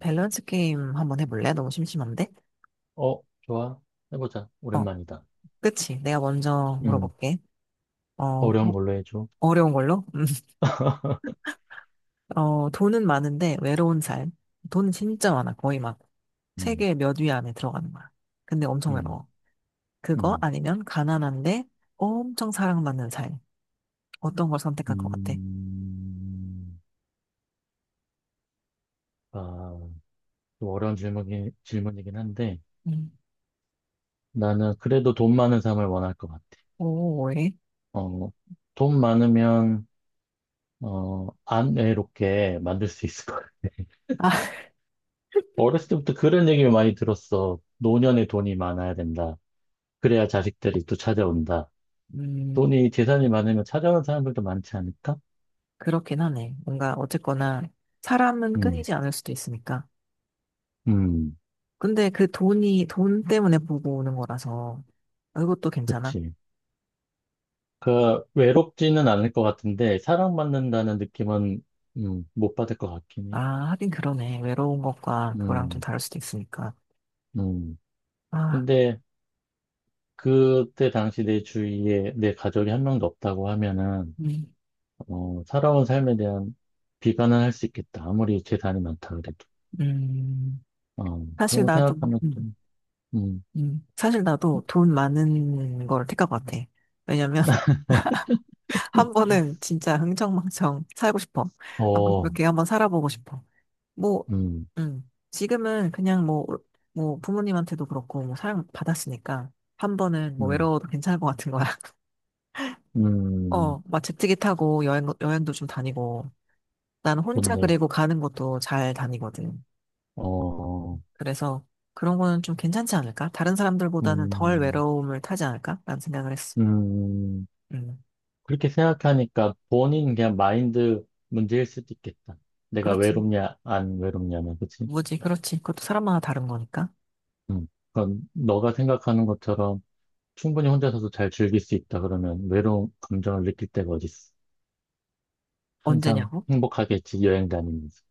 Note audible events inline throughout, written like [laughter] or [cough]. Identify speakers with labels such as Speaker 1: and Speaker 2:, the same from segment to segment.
Speaker 1: 밸런스 게임 한번 해볼래? 너무 심심한데?
Speaker 2: 어, 좋아. 해보자.
Speaker 1: 어,
Speaker 2: 오랜만이다.
Speaker 1: 그치. 내가 먼저
Speaker 2: 음,
Speaker 1: 물어볼게. 어,
Speaker 2: 어려운
Speaker 1: 도-
Speaker 2: 걸로 해줘.
Speaker 1: 어려운 걸로? [laughs]
Speaker 2: [laughs]
Speaker 1: 어, 돈은 많은데 외로운 삶. 돈은 진짜 많아. 거의 막
Speaker 2: 음,
Speaker 1: 세계 몇 위 안에 들어가는 거야. 근데 엄청
Speaker 2: 음,
Speaker 1: 외로워. 그거
Speaker 2: 음,
Speaker 1: 아니면 가난한데 엄청 사랑받는 삶. 어떤 걸 선택할 것 같아?
Speaker 2: 음. 아, 좀 어려운 질문이긴 한데,
Speaker 1: 음.
Speaker 2: 나는 그래도 돈 많은 삶을 원할 것 같아.
Speaker 1: 오, 왜?
Speaker 2: 어, 돈 많으면, 안 외롭게 만들 수 있을 것 같아.
Speaker 1: 아, [laughs]
Speaker 2: 어렸을 때부터 그런 얘기를 많이 들었어. 노년에 돈이 많아야 된다. 그래야 자식들이 또 찾아온다.
Speaker 1: 음,
Speaker 2: 재산이 많으면 찾아오는 사람들도 많지 않을까?
Speaker 1: 그렇긴 하네. 뭔가 어쨌거나 사람은
Speaker 2: 음,
Speaker 1: 끊이지 않을 수도 있으니까.
Speaker 2: 음.
Speaker 1: 근데 그 돈이 돈 때문에 보고 오는 거라서 아, 그것도 괜찮아?
Speaker 2: 그치. 외롭지는 않을 것 같은데, 사랑받는다는 느낌은, 못 받을 것 같긴 해.
Speaker 1: 아, 하긴 그러네. 외로운 것과 그거랑 좀
Speaker 2: 음,
Speaker 1: 다를 수도 있으니까.
Speaker 2: 음.
Speaker 1: 아,
Speaker 2: 근데, 그때 당시 내 주위에 내 가족이 한 명도 없다고 하면은,
Speaker 1: 음,
Speaker 2: 살아온 삶에 대한 비관은 할 수 있겠다. 아무리 재산이 많다 그래도.
Speaker 1: 음.
Speaker 2: 그런
Speaker 1: 사실
Speaker 2: 거
Speaker 1: 나도,
Speaker 2: 생각하면
Speaker 1: 음,
Speaker 2: 좀, 음,
Speaker 1: 사실 나도 돈 많은 걸 택할 것 같아. 왜냐면,
Speaker 2: [laughs]
Speaker 1: [laughs] 한 번은 진짜 흥청망청 살고 싶어. 한번
Speaker 2: 어,
Speaker 1: 그렇게 한번 살아보고 싶어. 뭐,
Speaker 2: 음,
Speaker 1: 지금은 그냥 뭐, 뭐, 부모님한테도 그렇고, 뭐, 사랑 받았으니까, 한 번은 뭐,
Speaker 2: 음,
Speaker 1: 외로워도 괜찮을 것 같은 거야. [laughs]
Speaker 2: 음,
Speaker 1: 어, 막 제트기 타고 여행도 좀 다니고, 난 혼자
Speaker 2: 좋네.
Speaker 1: 그리고 가는 것도 잘 다니거든.
Speaker 2: 어,
Speaker 1: 그래서 그런 거는 좀 괜찮지 않을까? 다른 사람들보다는 덜
Speaker 2: 음,
Speaker 1: 외로움을 타지 않을까? 라는 생각을 했어.
Speaker 2: 음.
Speaker 1: 음,
Speaker 2: 그렇게 생각하니까 본인 그냥 마인드 문제일 수도 있겠다. 내가
Speaker 1: 그렇지.
Speaker 2: 외롭냐, 안 외롭냐는, 그치?
Speaker 1: 뭐지, 그렇지. 그것도 사람마다 다른 거니까.
Speaker 2: 음. 그건 너가 생각하는 것처럼 충분히 혼자서도 잘 즐길 수 있다 그러면 외로운 감정을 느낄 때가 어딨어. 항상
Speaker 1: 언제냐고?
Speaker 2: 행복하겠지, 여행 다니면서.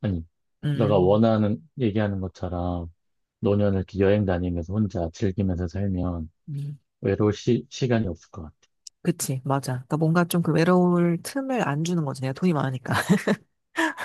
Speaker 2: 아니,
Speaker 1: 음,
Speaker 2: 얘기하는 것처럼 노년을 이렇게 여행 다니면서 혼자 즐기면서 살면
Speaker 1: 음,
Speaker 2: 외로울 시간이 없을 것 같아.
Speaker 1: 그치, 맞아. 그러니까 뭔가 좀 그 외로울 틈을 안 주는 거지. 내가 돈이 많으니까.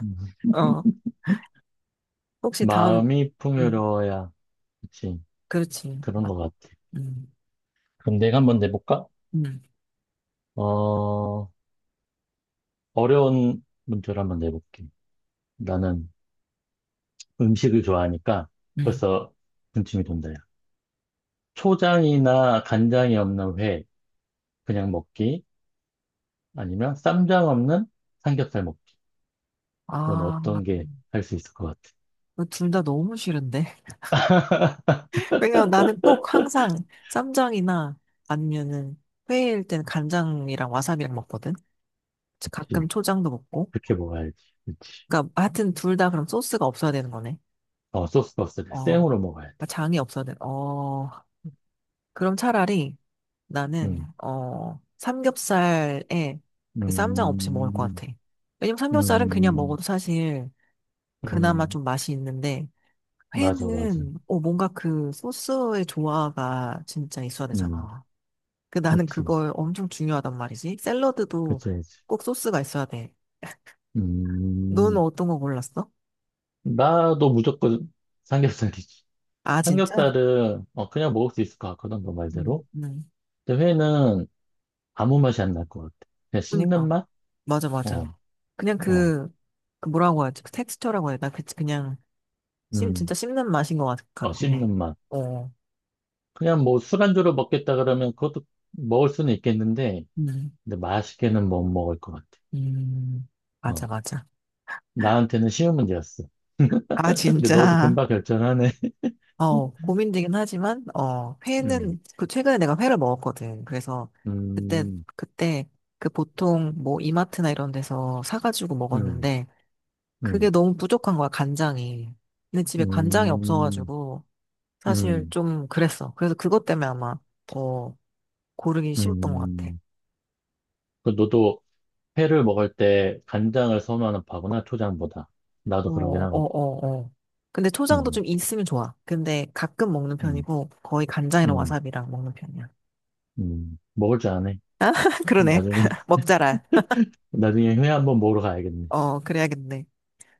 Speaker 2: 음.
Speaker 1: [laughs] 어, 혹시 다음,
Speaker 2: 마음이
Speaker 1: 음,
Speaker 2: 풍요로워야, 그치?
Speaker 1: 그렇지.
Speaker 2: 그런
Speaker 1: 아,
Speaker 2: 것 같아.
Speaker 1: 음,
Speaker 2: 그럼 내가 한번 내볼까?
Speaker 1: 음,
Speaker 2: 어, 어려운 문제를 한번 내볼게. 나는 음식을 좋아하니까
Speaker 1: 음.
Speaker 2: 벌써 군침이 돈다. 야. 초장이나 간장이 없는 회 그냥 먹기 아니면 쌈장 없는 삼겹살 먹기. 넌
Speaker 1: 아,
Speaker 2: 어떤 게 할 수 있을 것
Speaker 1: 둘 다 너무 싫은데.
Speaker 2: 같아?
Speaker 1: 왜냐면
Speaker 2: [laughs]
Speaker 1: 나는 꼭 항상 쌈장이나 아니면은 회일 땐 간장이랑 와사비랑 먹거든. 가끔
Speaker 2: 그치.
Speaker 1: 초장도 먹고.
Speaker 2: 그렇게 먹어야지. 그치.
Speaker 1: 그러니까 하여튼 둘 다 그럼 소스가 없어야 되는 거네.
Speaker 2: 어, 소스가 없을 때
Speaker 1: 어.
Speaker 2: 생으로 먹어야
Speaker 1: 아,
Speaker 2: 돼.
Speaker 1: 장이 없어야 돼. 어. 그럼 차라리 나는
Speaker 2: 음,
Speaker 1: 어 삼겹살에 그 쌈장 없이 먹을 것
Speaker 2: 음,
Speaker 1: 같아. 왜냐면 삼겹살은 그냥
Speaker 2: 음,
Speaker 1: 먹어도 사실 그나마
Speaker 2: 음,
Speaker 1: 좀 맛이 있는데
Speaker 2: 맞아, 맞아.
Speaker 1: 회는 어 뭔가 그 소스의 조화가 진짜 있어야
Speaker 2: 음,
Speaker 1: 되잖아. 그 나는
Speaker 2: 그렇지.
Speaker 1: 그걸 엄청 중요하단 말이지. 샐러드도
Speaker 2: 그치, 그치. 그치.
Speaker 1: 꼭 소스가 있어야 돼. 너는
Speaker 2: 음.
Speaker 1: 어떤 거 골랐어?
Speaker 2: 나도 무조건 삼겹살이지.
Speaker 1: 아, 진짜?
Speaker 2: 삼겹살은 어, 그냥 먹을 수 있을 것 같거든, 너
Speaker 1: 응,
Speaker 2: 말대로.
Speaker 1: 응.
Speaker 2: 근데 회는 아무 맛이 안 날 것 같아. 그냥 씹는
Speaker 1: 그니까.
Speaker 2: 맛?
Speaker 1: 맞아,
Speaker 2: 어,
Speaker 1: 맞아. 그냥
Speaker 2: 어,
Speaker 1: 그, 그 뭐라고 하지? 그 텍스처라고 해야 되나? 그, 그냥, 씹,
Speaker 2: 음,
Speaker 1: 진짜 씹는 맛인 것
Speaker 2: 어,
Speaker 1: 같긴
Speaker 2: 씹는
Speaker 1: 해.
Speaker 2: 맛.
Speaker 1: 어,
Speaker 2: 그냥 뭐 술안주로 먹겠다 그러면 그것도 먹을 수는 있겠는데,
Speaker 1: 음,
Speaker 2: 근데 맛있게는 못 먹을 것 같아.
Speaker 1: 음, 맞아,
Speaker 2: 어,
Speaker 1: 맞아.
Speaker 2: 나한테는 쉬운 문제였어.
Speaker 1: 아,
Speaker 2: [laughs] 근데 너도
Speaker 1: 진짜.
Speaker 2: 금방 결정하네. [laughs]
Speaker 1: 어, 고민되긴 하지만, 어,
Speaker 2: 음,
Speaker 1: 회는, 그, 최근에 내가 회를 먹었거든. 그래서, 그때,
Speaker 2: 음,
Speaker 1: 그때, 그 보통, 뭐, 이마트나 이런 데서 사가지고
Speaker 2: 음,
Speaker 1: 먹었는데, 그게
Speaker 2: 음,
Speaker 1: 너무 부족한 거야, 간장이. 근데 집에 간장이
Speaker 2: 음,
Speaker 1: 없어가지고, 사실
Speaker 2: 음,
Speaker 1: 좀 그랬어. 그래서 그것 때문에 아마 더 고르기 쉬웠던 것 같아.
Speaker 2: 음. 그 너도 회를 먹을 때 간장을 선호하는 파구나, 초장보다.
Speaker 1: 어,
Speaker 2: 나도 그러긴
Speaker 1: 어,
Speaker 2: 하거든.
Speaker 1: 어, 어. 근데 초장도
Speaker 2: 음,
Speaker 1: 좀 있으면 좋아. 근데 가끔 먹는
Speaker 2: 음,
Speaker 1: 편이고, 거의 간장이랑
Speaker 2: 음,
Speaker 1: 와사비랑 먹는 편이야.
Speaker 2: 먹을 줄 아네.
Speaker 1: [laughs] 그러네.
Speaker 2: 나중에,
Speaker 1: [laughs]
Speaker 2: [laughs]
Speaker 1: 먹자라.
Speaker 2: 나중에 회 한번 먹으러 가야겠네.
Speaker 1: 어, 그래야겠네.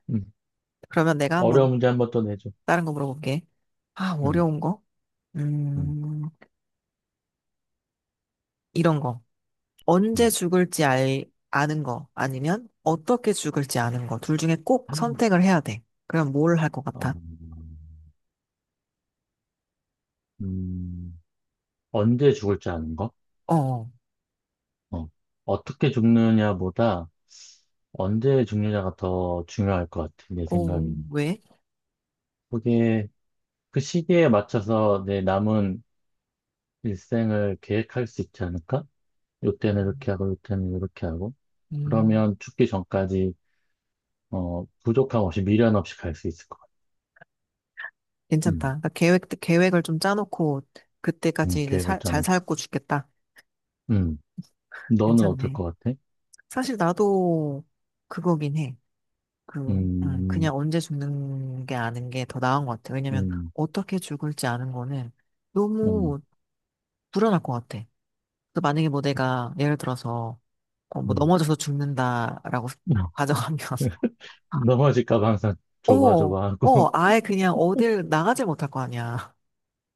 Speaker 2: 음.
Speaker 1: 그러면 내가 한번
Speaker 2: 어려운 문제 한번 또 내줘.
Speaker 1: 다른 거 물어볼게. 아,
Speaker 2: 음,
Speaker 1: 어려운 거?
Speaker 2: 음,
Speaker 1: 음, 이런 거. 언제
Speaker 2: 음.
Speaker 1: 아는 거 아니면 어떻게 죽을지 아는 거. 둘 중에 꼭 선택을 해야 돼. 그럼 뭘 할 것
Speaker 2: 어,
Speaker 1: 같아?
Speaker 2: 음, 언제 죽을 줄 아는 거?
Speaker 1: 어,
Speaker 2: 어. 어떻게 죽느냐보다 언제 죽느냐가 더 중요할 것 같아, 내
Speaker 1: 어,
Speaker 2: 생각에는.
Speaker 1: 왜?
Speaker 2: 그게 그 시기에 맞춰서 내 남은 일생을 계획할 수 있지 않을까? 요때는 이렇게 하고 요때는 이렇게 하고
Speaker 1: 음,
Speaker 2: 그러면 죽기 전까지 어 부족함 없이 미련 없이 갈 수 있을 것 같아.
Speaker 1: 괜찮다.
Speaker 2: 음,
Speaker 1: 그러니까 계획을 좀 짜놓고 그때까지 이제
Speaker 2: 계획을
Speaker 1: 잘
Speaker 2: 짜놓고.
Speaker 1: 살고 죽겠다.
Speaker 2: 음, 너는 어떨
Speaker 1: 괜찮네.
Speaker 2: 것 같아?
Speaker 1: 사실 나도 그거긴 해. 그,
Speaker 2: 음,
Speaker 1: 그냥 언제 죽는 게 아는 게 더 나은 것 같아. 왜냐면
Speaker 2: 음,
Speaker 1: 어떻게 죽을지 아는 거는
Speaker 2: 음,
Speaker 1: 너무 불안할 것 같아. 그 만약에 뭐 내가 예를 들어서 어, 뭐
Speaker 2: 음.
Speaker 1: 넘어져서 죽는다라고 [laughs]
Speaker 2: [laughs]
Speaker 1: 가정하면
Speaker 2: 넘어질까 봐 항상
Speaker 1: 어, 어,
Speaker 2: 조바조바하고. [laughs]
Speaker 1: 아예 그냥 어딜 나가질 못할 거 아니야.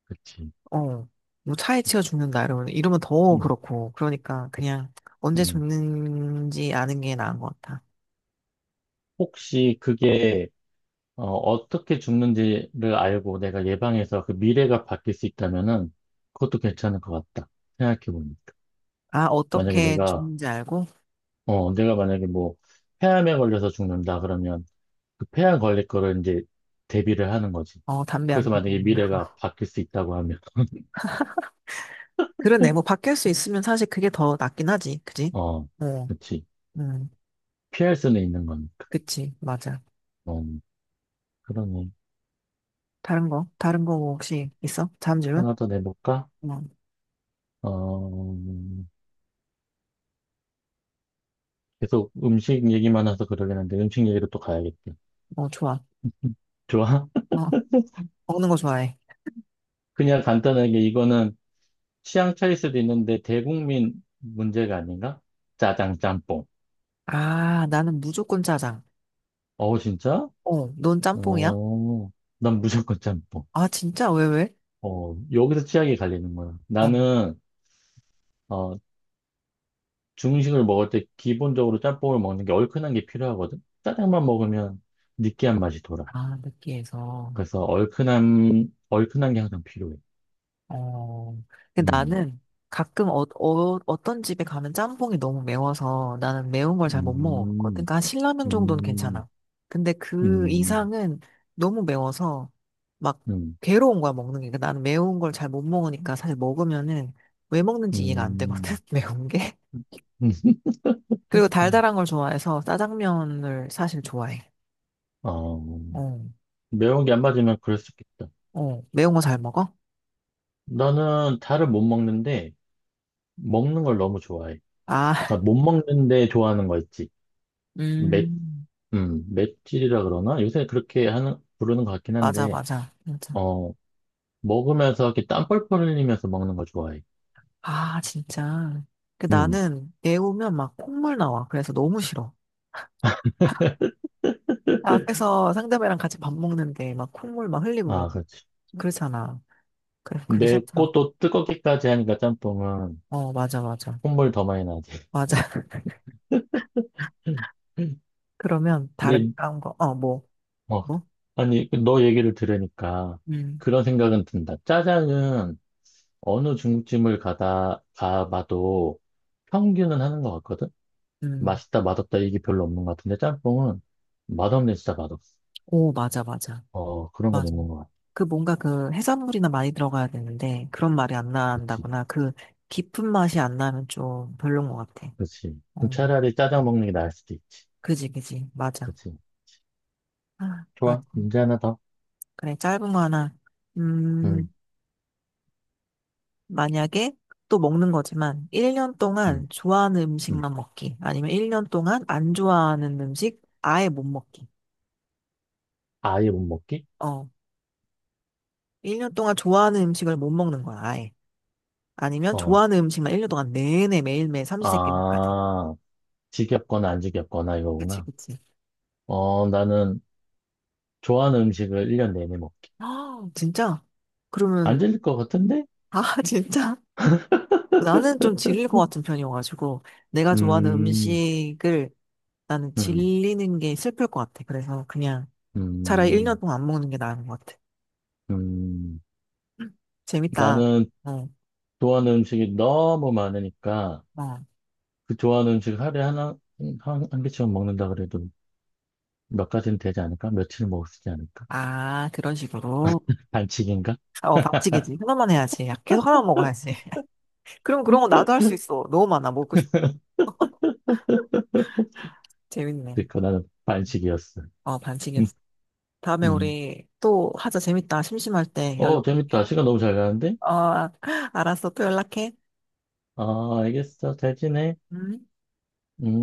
Speaker 2: 그치.
Speaker 1: 어, 뭐 차에 치여 죽는다 이러면 더
Speaker 2: 음,
Speaker 1: 그렇고 그러니까 그냥 언제
Speaker 2: 음.
Speaker 1: 죽는지 아는 게 나은 것 같아.
Speaker 2: 혹시 그게 어떻게 죽는지를 알고 내가 예방해서 그 미래가 바뀔 수 있다면은 그것도 괜찮을 것 같다. 생각해보니까.
Speaker 1: 아,
Speaker 2: 만약에
Speaker 1: 어떻게
Speaker 2: 내가
Speaker 1: 죽는지 알고
Speaker 2: 내가 만약에 뭐 폐암에 걸려서 죽는다 그러면 그 폐암 걸릴 거를 이제 대비를 하는 거지.
Speaker 1: 어, 담배
Speaker 2: 그래서
Speaker 1: 안 피고
Speaker 2: 만약에 미래가 바뀔 수 있다고 하면 [laughs]
Speaker 1: 그러네. 뭐 바뀔 수 있으면 사실 그게 더 낫긴 하지. 그지?
Speaker 2: 어,
Speaker 1: 어,
Speaker 2: 그렇지.
Speaker 1: 음,
Speaker 2: 피할 수는 있는 거니까.
Speaker 1: 그치. 맞아.
Speaker 2: 어, 그러네.
Speaker 1: 다른 거? 다른 거 뭐 혹시 있어? 다음 질문?
Speaker 2: 하나 더 내볼까?
Speaker 1: 어,
Speaker 2: 어, 계속 음식 얘기만 해서 그러긴 한데 음식 얘기로 또 가야겠다.
Speaker 1: 어, 좋아.
Speaker 2: [laughs] 좋아? [laughs]
Speaker 1: 어, 먹는 거 좋아해.
Speaker 2: 그냥 간단하게 이거는 취향 차일 수도 있는데 대국민 문제가 아닌가? 짜장 짬뽕.
Speaker 1: 아, 나는 무조건 짜장.
Speaker 2: 어우, 진짜?
Speaker 1: 어, 넌 짬뽕이야?
Speaker 2: 오, 난 무조건 짬뽕.
Speaker 1: 아, 진짜? 왜, 왜?
Speaker 2: 어, 여기서 취향이 갈리는 거야.
Speaker 1: 아,
Speaker 2: 어, 중식을 먹을 때 기본적으로 짬뽕을 먹는 게 얼큰한 게 필요하거든? 짜장만 먹으면 느끼한 맛이 돌아.
Speaker 1: 아, 느끼해서.
Speaker 2: 그래서 얼큰한 게 항상 필요해.
Speaker 1: 어, 근데
Speaker 2: 음,
Speaker 1: 나는 가끔 어, 어, 어떤 집에 가면 짬뽕이 너무 매워서 나는 매운 걸 잘 못 먹었거든.
Speaker 2: 음,
Speaker 1: 그러니까 한 신라면 정도는
Speaker 2: 음,
Speaker 1: 괜찮아. 근데 그
Speaker 2: 음,
Speaker 1: 이상은 너무 매워서 막
Speaker 2: 음,
Speaker 1: 괴로운 거야, 먹는 게. 그러니까 나는 매운 걸 잘 못 먹으니까 사실 먹으면은 왜 먹는지 이해가 안 되거든,
Speaker 2: 음.
Speaker 1: [laughs] 매운 게.
Speaker 2: [laughs]
Speaker 1: 그리고 달달한 걸 좋아해서 짜장면을 사실 좋아해.
Speaker 2: 어,
Speaker 1: 어,
Speaker 2: 매운 게 안 맞으면 그럴 수 있겠다.
Speaker 1: 어, 매운 거 잘 먹어?
Speaker 2: 나는 달을 못 먹는데, 먹는 걸 너무 좋아해.
Speaker 1: 아, [laughs]
Speaker 2: 그러니까 못 먹는데 좋아하는 거 있지.
Speaker 1: 음,
Speaker 2: 맷질이라 그러나? 부르는 것 같긴
Speaker 1: 맞아,
Speaker 2: 한데,
Speaker 1: 맞아.
Speaker 2: 어, 먹으면서 이렇게 땀 뻘뻘 흘리면서 먹는 거 좋아해.
Speaker 1: 아, 진짜. 그
Speaker 2: 음,
Speaker 1: 나는 애 오면 막 콧물 나와. 그래서 너무 싫어. 나 앞에서 상대방이랑 같이 밥 먹는데 막 콧물 막 흘리고
Speaker 2: 아,
Speaker 1: 그러고.
Speaker 2: 그렇지.
Speaker 1: 그렇잖아. 그래서 그게 싫더라고.
Speaker 2: 맵고 또 뜨겁기까지 하니까 짬뽕은
Speaker 1: 어, 맞아, 맞아.
Speaker 2: 콧물 더 많이 나지.
Speaker 1: 맞아. [laughs]
Speaker 2: [laughs]
Speaker 1: 그러면 다른,
Speaker 2: 근데,
Speaker 1: 다른 거, 어, 뭐,
Speaker 2: 그래.
Speaker 1: 뭐?
Speaker 2: 아니, 그 너 얘기를 들으니까
Speaker 1: 음,
Speaker 2: 그런 생각은 든다. 짜장은 어느 가봐도 평균은 하는 것 같거든?
Speaker 1: 음.
Speaker 2: 맛있다, 맛없다, 이게 별로 없는 것 같은데, 짬뽕은 맛없네, 진짜 맛없어.
Speaker 1: 오, 맞아, 맞아.
Speaker 2: 어, 그런 건
Speaker 1: 맞아.
Speaker 2: 있는 것 같아.
Speaker 1: 그 뭔가 그 해산물이나 많이 들어가야 되는데 그런 말이 안
Speaker 2: 그치,
Speaker 1: 난다거나 그 깊은 맛이 안 나면 좀 별론 것 같아.
Speaker 2: 그치. 그럼
Speaker 1: 어,
Speaker 2: 차라리 짜장 먹는 게 나을 수도 있지.
Speaker 1: 그지, 그지. 맞아.
Speaker 2: 그치.
Speaker 1: 아,
Speaker 2: 좋아.
Speaker 1: 맞아.
Speaker 2: 문제 하나 더.
Speaker 1: 그래, 짧은 거 하나. 음,
Speaker 2: 응,
Speaker 1: 만약에 또 먹는 거지만 1년
Speaker 2: 응,
Speaker 1: 동안 좋아하는
Speaker 2: 응.
Speaker 1: 음식만 먹기. 아니면 1년 동안 안 좋아하는 음식 아예 못 먹기.
Speaker 2: 아예 못 먹기?
Speaker 1: 어. 1년 동안 좋아하는 음식을 못 먹는 거야, 아예. 아니면
Speaker 2: 어,
Speaker 1: 좋아하는 음식만 1년 동안 내내 매일매일 삼시세끼 먹게 돼.
Speaker 2: 아, 지겹거나 안 지겹거나
Speaker 1: 그치,
Speaker 2: 이거구나.
Speaker 1: 그치.
Speaker 2: 어, 나는 좋아하는 음식을 1년 내내 먹기.
Speaker 1: 아, 진짜? 그러면,
Speaker 2: 안 질릴 것 같은데?
Speaker 1: 아, [laughs] 진짜? 나는 좀 질릴 것 같은 편이어가지고, 내가 좋아하는
Speaker 2: 음,
Speaker 1: 음식을 나는
Speaker 2: 음,
Speaker 1: 질리는 게 슬플 것 같아. 그래서 그냥 차라리 1년
Speaker 2: 음,
Speaker 1: 동안 안 먹는 게 나은 것 같아.
Speaker 2: 음.
Speaker 1: 재밌다.
Speaker 2: 나는
Speaker 1: 어,
Speaker 2: 좋아하는 음식이 너무 많으니까
Speaker 1: 어.
Speaker 2: 그 좋아하는 음식 하루에 한 개쯤 먹는다 그래도 몇 가지는 되지 않을까? 며칠 먹을 수 있지 않을까?
Speaker 1: 아, 그런 식으로.
Speaker 2: 반칙인가?
Speaker 1: 어, 반칙이지. 하나만 해야지. 야, 계속 하나만 먹어야지. [laughs] 그럼 그런 거 나도 할 수 있어. 너무 많아. 먹고 싶.
Speaker 2: [laughs] [laughs]
Speaker 1: 재밌네.
Speaker 2: 그니까 나는 반칙이었어.
Speaker 1: 어,
Speaker 2: 음,
Speaker 1: 반칙이었어. 다음에
Speaker 2: 음.
Speaker 1: 우리 또 하자. 재밌다. 심심할 때
Speaker 2: 어,
Speaker 1: 연락할게.
Speaker 2: 재밌다. 시간 너무 잘 가는데?
Speaker 1: 어, [laughs] 알았어. 또 연락해.
Speaker 2: 아, 알겠어. 잘 지내.
Speaker 1: 음.
Speaker 2: 음.